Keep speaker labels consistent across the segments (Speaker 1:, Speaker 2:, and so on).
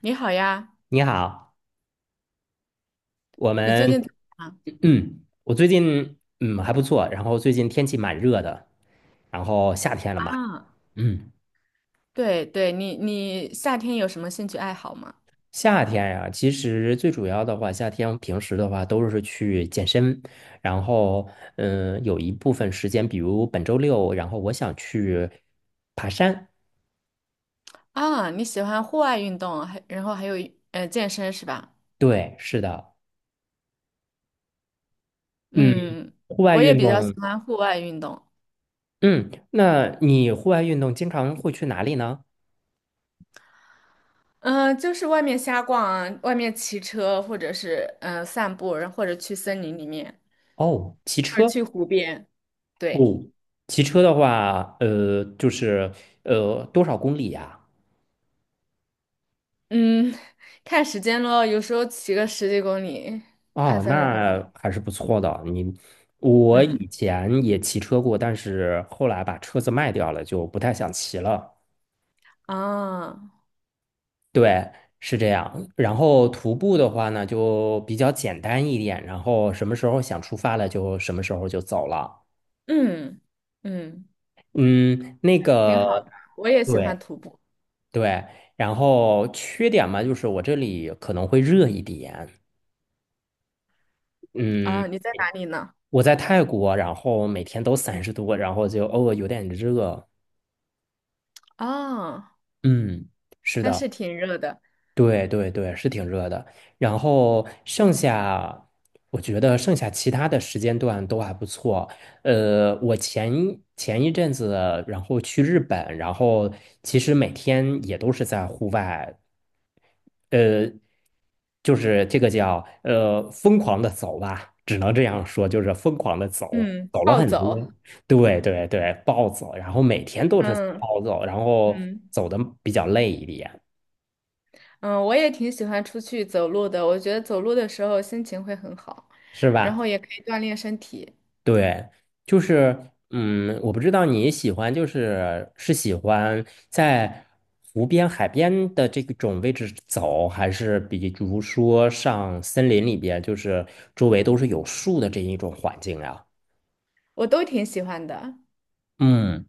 Speaker 1: 你好呀，
Speaker 2: 你好，我
Speaker 1: 你最
Speaker 2: 们
Speaker 1: 近怎么样
Speaker 2: 我最近还不错，然后最近天气蛮热的，然后夏天了嘛。
Speaker 1: 啊？
Speaker 2: 嗯，
Speaker 1: 对对，你夏天有什么兴趣爱好吗？
Speaker 2: 夏天呀，其实最主要的话，夏天平时的话都是去健身，然后有一部分时间，比如本周六，然后我想去爬山。
Speaker 1: 啊，你喜欢户外运动，然后还有健身是吧？
Speaker 2: 对，是的。嗯，
Speaker 1: 嗯，
Speaker 2: 户外
Speaker 1: 我也
Speaker 2: 运
Speaker 1: 比较喜
Speaker 2: 动。
Speaker 1: 欢户外运动。
Speaker 2: 嗯，那你户外运动经常会去哪里呢？
Speaker 1: 嗯、就是外面瞎逛啊，外面骑车或者是散步，然后或者去森林里面，
Speaker 2: 哦，骑
Speaker 1: 或者
Speaker 2: 车。
Speaker 1: 去湖边。对。
Speaker 2: 哦，骑车的话，就是多少公里呀？
Speaker 1: 嗯，看时间咯，有时候骑个十几公里，二
Speaker 2: 哦，
Speaker 1: 三十公里。
Speaker 2: 那还是不错的。你，我
Speaker 1: 嗯
Speaker 2: 以前也骑车过，但是后来把车子卖掉了，就不太想骑了。
Speaker 1: 啊，
Speaker 2: 对，是这样。然后徒步的话呢，就比较简单一点，然后什么时候想出发了，就什么时候就走了。
Speaker 1: 嗯嗯。
Speaker 2: 嗯，那
Speaker 1: 挺
Speaker 2: 个，
Speaker 1: 好的，我也喜欢
Speaker 2: 对
Speaker 1: 徒步
Speaker 2: 对。然后缺点嘛，就是我这里可能会热一点。嗯，
Speaker 1: 啊。你在哪里呢？
Speaker 2: 我在泰国，然后每天都三十度，然后就偶尔有点热。
Speaker 1: 啊，
Speaker 2: 嗯，是
Speaker 1: 那
Speaker 2: 的。
Speaker 1: 是挺热的。
Speaker 2: 对对对，是挺热的。然后剩下，我觉得剩下其他的时间段都还不错。我前一阵子，然后去日本，然后其实每天也都是在户外，呃，就是这个叫疯狂的走吧，只能这样说，就是疯狂的走，
Speaker 1: 嗯，
Speaker 2: 走了
Speaker 1: 暴
Speaker 2: 很
Speaker 1: 走。
Speaker 2: 多。对对对，暴走，然后每天都是
Speaker 1: 嗯
Speaker 2: 暴走，然后
Speaker 1: 嗯
Speaker 2: 走的比较累一点，
Speaker 1: 嗯，我也挺喜欢出去走路的。我觉得走路的时候心情会很好，
Speaker 2: 是
Speaker 1: 然后
Speaker 2: 吧？
Speaker 1: 也可以锻炼身体。
Speaker 2: 对，就是嗯，我不知道你喜欢就是喜欢在湖边、海边的这种位置走，还是比如说上森林里边，就是周围都是有树的这一种环境啊？
Speaker 1: 我都挺喜欢的。
Speaker 2: 嗯。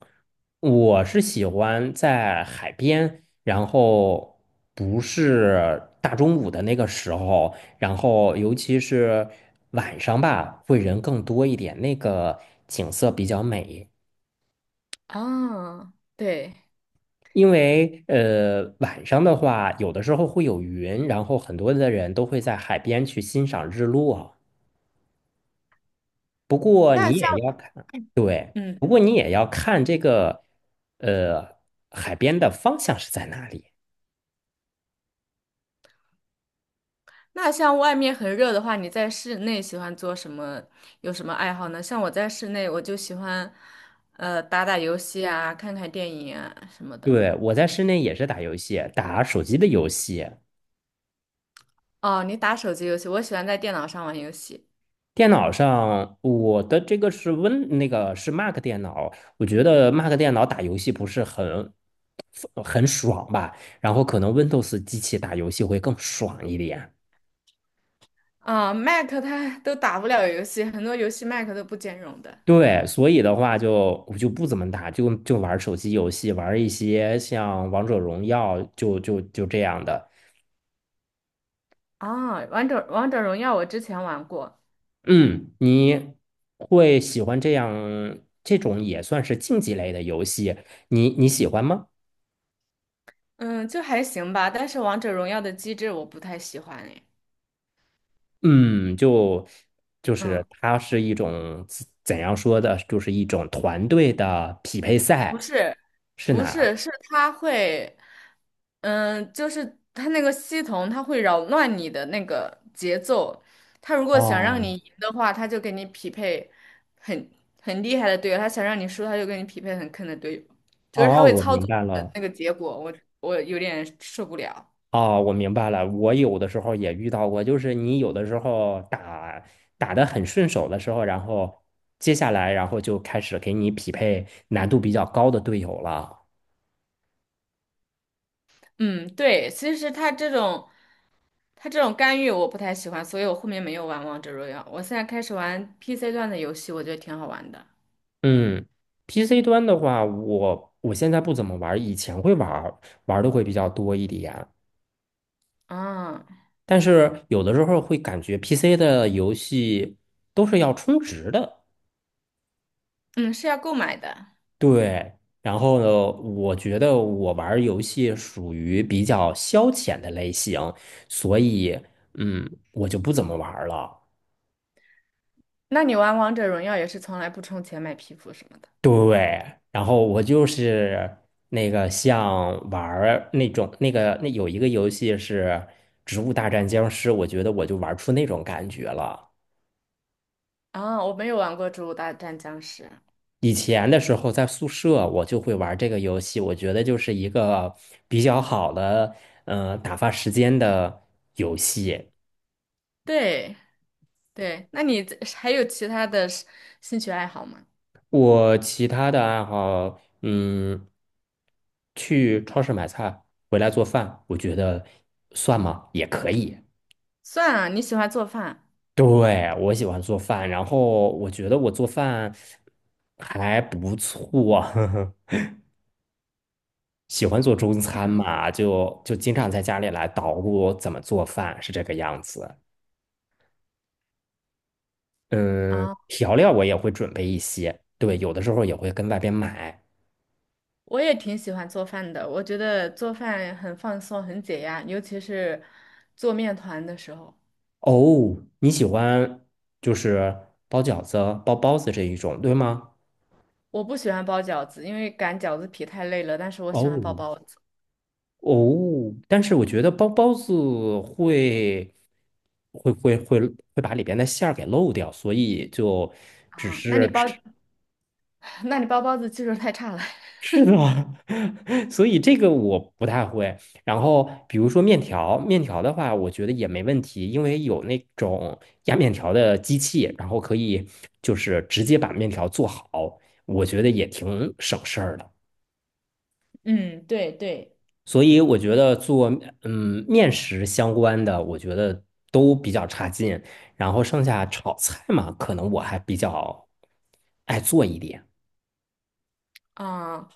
Speaker 2: 我是喜欢在海边，然后不是大中午的那个时候，然后尤其是晚上吧，会人更多一点，那个景色比较美。
Speaker 1: 啊，对。
Speaker 2: 因为晚上的话，有的时候会有云，然后很多的人都会在海边去欣赏日落。不过你
Speaker 1: 那像
Speaker 2: 也要看，对，
Speaker 1: 嗯，
Speaker 2: 不过你也要看这个呃海边的方向是在哪里。
Speaker 1: 那像外面很热的话，你在室内喜欢做什么？有什么爱好呢？像我在室内，我就喜欢打打游戏啊，看看电影啊什么的。
Speaker 2: 对，我在室内也是打游戏，打手机的游戏。
Speaker 1: 哦，你打手机游戏，我喜欢在电脑上玩游戏。
Speaker 2: 电脑上，我的这个是 Win，那个是 Mac 电脑。我觉得 Mac 电脑打游戏不是很爽吧，然后可能 Windows 机器打游戏会更爽一点。
Speaker 1: 啊、Mac 它都打不了游戏，很多游戏 Mac 都不兼容的。
Speaker 2: 对，所以的话就我就不怎么打，就玩手机游戏，玩一些像王者荣耀，就这样的。
Speaker 1: 啊、王者荣耀我之前玩过，
Speaker 2: 嗯，你会喜欢这样这种也算是竞技类的游戏，你喜欢吗？
Speaker 1: 嗯，就还行吧，但是王者荣耀的机制我不太喜欢诶。
Speaker 2: 嗯，就是
Speaker 1: 嗯
Speaker 2: 它是一种怎样说的，就是一种团队的匹配
Speaker 1: 不
Speaker 2: 赛，
Speaker 1: 是，
Speaker 2: 是
Speaker 1: 不
Speaker 2: 哪？
Speaker 1: 是，是他会，嗯，就是他那个系统，他会扰乱你的那个节奏。他如果想让
Speaker 2: 哦
Speaker 1: 你赢的话，他就给你匹配很很厉害的队友；他想让你输，他就给你匹配很坑的队友。就是他
Speaker 2: 哦，
Speaker 1: 会
Speaker 2: 我
Speaker 1: 操
Speaker 2: 明
Speaker 1: 作
Speaker 2: 白
Speaker 1: 的
Speaker 2: 了。
Speaker 1: 那个结果，我有点受不了。
Speaker 2: 哦，我明白了。我有的时候也遇到过，就是你有的时候打得很顺手的时候，然后接下来然后就开始给你匹配难度比较高的队友了。
Speaker 1: 嗯，对，其实他这种干预我不太喜欢，所以我后面没有玩王者荣耀。我现在开始玩 PC 段的游戏，我觉得挺好玩的。
Speaker 2: 嗯，PC 端的话，我现在不怎么玩儿，以前会玩儿玩的会比较多一点。
Speaker 1: 啊。
Speaker 2: 但是有的时候会感觉 PC 的游戏都是要充值的，
Speaker 1: 嗯，是要购买的。
Speaker 2: 对。然后呢，我觉得我玩儿游戏属于比较消遣的类型，所以嗯，我就不怎么玩儿了。
Speaker 1: 那你玩王者荣耀也是从来不充钱买皮肤什么的
Speaker 2: 对，然后我就是那个像玩儿那种那个那有一个游戏是《植物大战僵尸》，我觉得我就玩出那种感觉了。
Speaker 1: 啊？我没有玩过《植物大战僵尸》。
Speaker 2: 以前的时候在宿舍我就会玩这个游戏，我觉得就是一个比较好的打发时间的游戏。
Speaker 1: 对对，那你这还有其他的是兴趣爱好吗？
Speaker 2: 我其他的爱好，嗯，去超市买菜，回来做饭，我觉得算吗？也可以。
Speaker 1: 算了，你喜欢做饭
Speaker 2: 对，我喜欢做饭，然后我觉得我做饭还不错，呵呵，喜欢做中餐嘛，就经常在家里来捣鼓怎么做饭，是这个样子。嗯，
Speaker 1: 啊？
Speaker 2: 调料我也会准备一些，对，有的时候也会跟外边买。
Speaker 1: 我也挺喜欢做饭的，我觉得做饭很放松，很解压，尤其是做面团的时候。
Speaker 2: 哦，你喜欢就是包饺子、包包子这一种，对吗？
Speaker 1: 我不喜欢包饺子，因为擀饺子皮太累了，但是我喜欢包
Speaker 2: 哦，
Speaker 1: 包子
Speaker 2: 哦，但是我觉得包包子会会会把里边的馅儿给漏掉，所以就只
Speaker 1: 啊。那
Speaker 2: 是
Speaker 1: 你包，
Speaker 2: 吃
Speaker 1: 那你包包子技术太差了。
Speaker 2: 吃 的，所以这个我不太会。然后比如说面条，面条的话，我觉得也没问题，因为有那种压面条的机器，然后可以就是直接把面条做好，我觉得也挺省事儿的。
Speaker 1: 嗯，对对。
Speaker 2: 所以我觉得做面食相关的，我觉得都比较差劲。然后剩下炒菜嘛，可能我还比较爱做一点。
Speaker 1: 啊，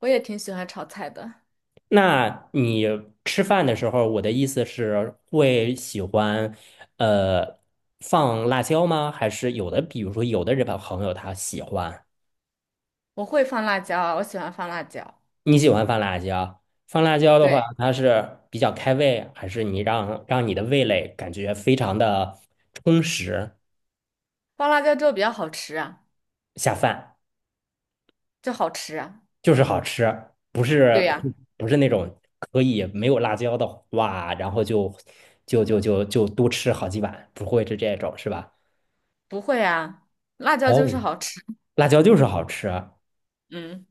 Speaker 1: 我也挺喜欢炒菜的，
Speaker 2: 那你吃饭的时候，我的意思是会喜欢呃放辣椒吗？还是有的，比如说有的日本朋友他喜欢，
Speaker 1: 我会放辣椒啊，我喜欢放辣椒。
Speaker 2: 你喜欢放辣椒？放辣椒的话，
Speaker 1: 对，
Speaker 2: 它是比较开胃，还是让你的味蕾感觉非常的充实，
Speaker 1: 放辣椒之后比较好吃啊，
Speaker 2: 下饭？
Speaker 1: 就好吃啊。
Speaker 2: 就是好吃，不是
Speaker 1: 对呀，
Speaker 2: 那种可以没有辣椒的哇，然后就就多吃好几碗，不会是这种是吧？
Speaker 1: 不会啊，辣椒就是
Speaker 2: 哦，
Speaker 1: 好吃。
Speaker 2: 辣椒就是好吃。
Speaker 1: 嗯，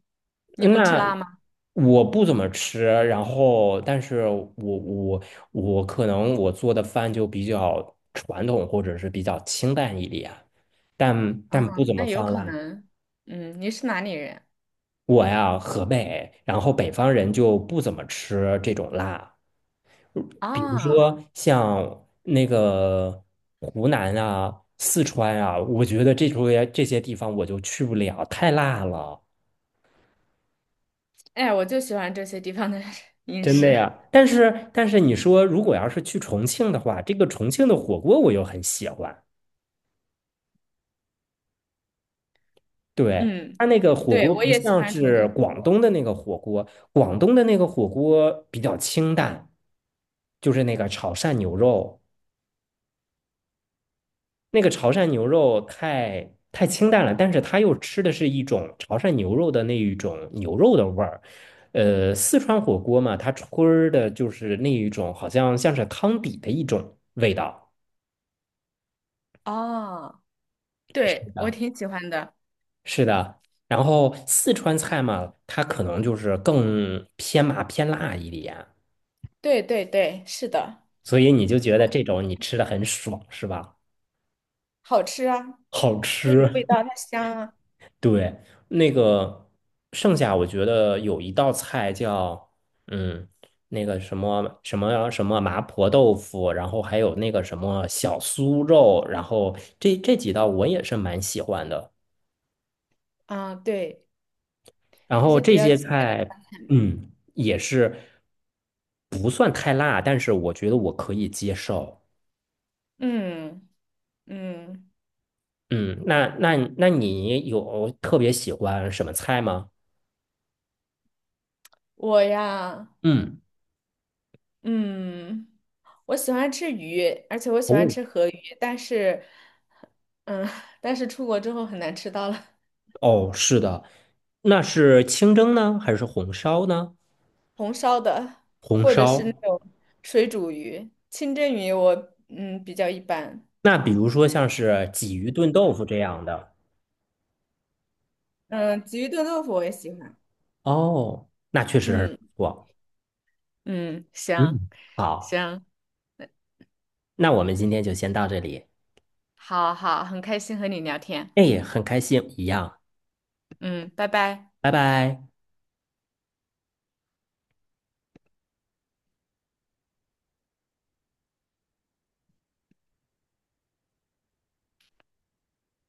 Speaker 1: 你不吃
Speaker 2: 那
Speaker 1: 辣吗？
Speaker 2: 我不怎么吃，然后但是我可能我做的饭就比较传统，或者是比较清淡一点，但
Speaker 1: 啊，
Speaker 2: 不怎么
Speaker 1: 那有
Speaker 2: 放
Speaker 1: 可
Speaker 2: 辣。
Speaker 1: 能。嗯，你是哪里人
Speaker 2: 我呀，河北，然后北方人就不怎么吃这种辣。比如
Speaker 1: 啊？
Speaker 2: 说像那个湖南啊、四川啊，我觉得这些地方我就去不了，太辣了，
Speaker 1: 哎，我就喜欢这些地方的 饮
Speaker 2: 真的
Speaker 1: 食。
Speaker 2: 呀。但是你说如果要是去重庆的话，这个重庆的火锅我又很喜欢，对。
Speaker 1: 嗯，
Speaker 2: 它那个火
Speaker 1: 对，
Speaker 2: 锅
Speaker 1: 我
Speaker 2: 不
Speaker 1: 也喜
Speaker 2: 像
Speaker 1: 欢重庆
Speaker 2: 是
Speaker 1: 火
Speaker 2: 广
Speaker 1: 锅。
Speaker 2: 东的那个火锅，广东的那个火锅比较清淡，就是那个炒汕牛肉。那个潮汕牛肉太清淡了，但是它又吃的是一种潮汕牛肉的那一种牛肉的味儿。呃，四川火锅嘛，它吹儿的就是那一种，好像像是汤底的一种味道。
Speaker 1: 哦，对，我挺喜欢的。
Speaker 2: 是的，然后四川菜嘛，它可能就是更偏麻偏辣一点，
Speaker 1: 对对对，是的，
Speaker 2: 所以你就觉得这种你吃的很爽，是吧？
Speaker 1: 好吃啊，
Speaker 2: 好
Speaker 1: 它有味
Speaker 2: 吃。
Speaker 1: 道，它香啊。
Speaker 2: 对，那个剩下我觉得有一道菜叫嗯，那个什么麻婆豆腐，然后还有那个什么小酥肉，然后这几道我也是蛮喜欢的。
Speaker 1: 啊，对，
Speaker 2: 然
Speaker 1: 这
Speaker 2: 后
Speaker 1: 些比
Speaker 2: 这
Speaker 1: 较
Speaker 2: 些
Speaker 1: 经典。
Speaker 2: 菜，嗯，也是不算太辣，但是我觉得我可以接受。
Speaker 1: 嗯嗯，
Speaker 2: 嗯，那你有特别喜欢什么菜吗？
Speaker 1: 我呀，
Speaker 2: 嗯。
Speaker 1: 嗯，我喜欢吃鱼，而且我喜欢
Speaker 2: 哦。
Speaker 1: 吃河鱼，但是，嗯，但是出国之后很难吃到了
Speaker 2: 哦，是的，那是清蒸呢，还是红烧呢？
Speaker 1: 红烧的，
Speaker 2: 红
Speaker 1: 或者是那
Speaker 2: 烧。
Speaker 1: 种水煮鱼、清蒸鱼我，嗯比较一般，
Speaker 2: 那比如说像是鲫鱼炖豆腐这样的，
Speaker 1: 嗯，鲫鱼炖豆腐我也喜欢，
Speaker 2: 哦，那确实是不
Speaker 1: 嗯
Speaker 2: 错。
Speaker 1: 嗯，行
Speaker 2: 嗯，好，
Speaker 1: 行，
Speaker 2: 那我们今天就先到这里。
Speaker 1: 好好，很开心和你聊天，
Speaker 2: 哎，很开心，一样，
Speaker 1: 嗯，拜拜。
Speaker 2: 拜拜。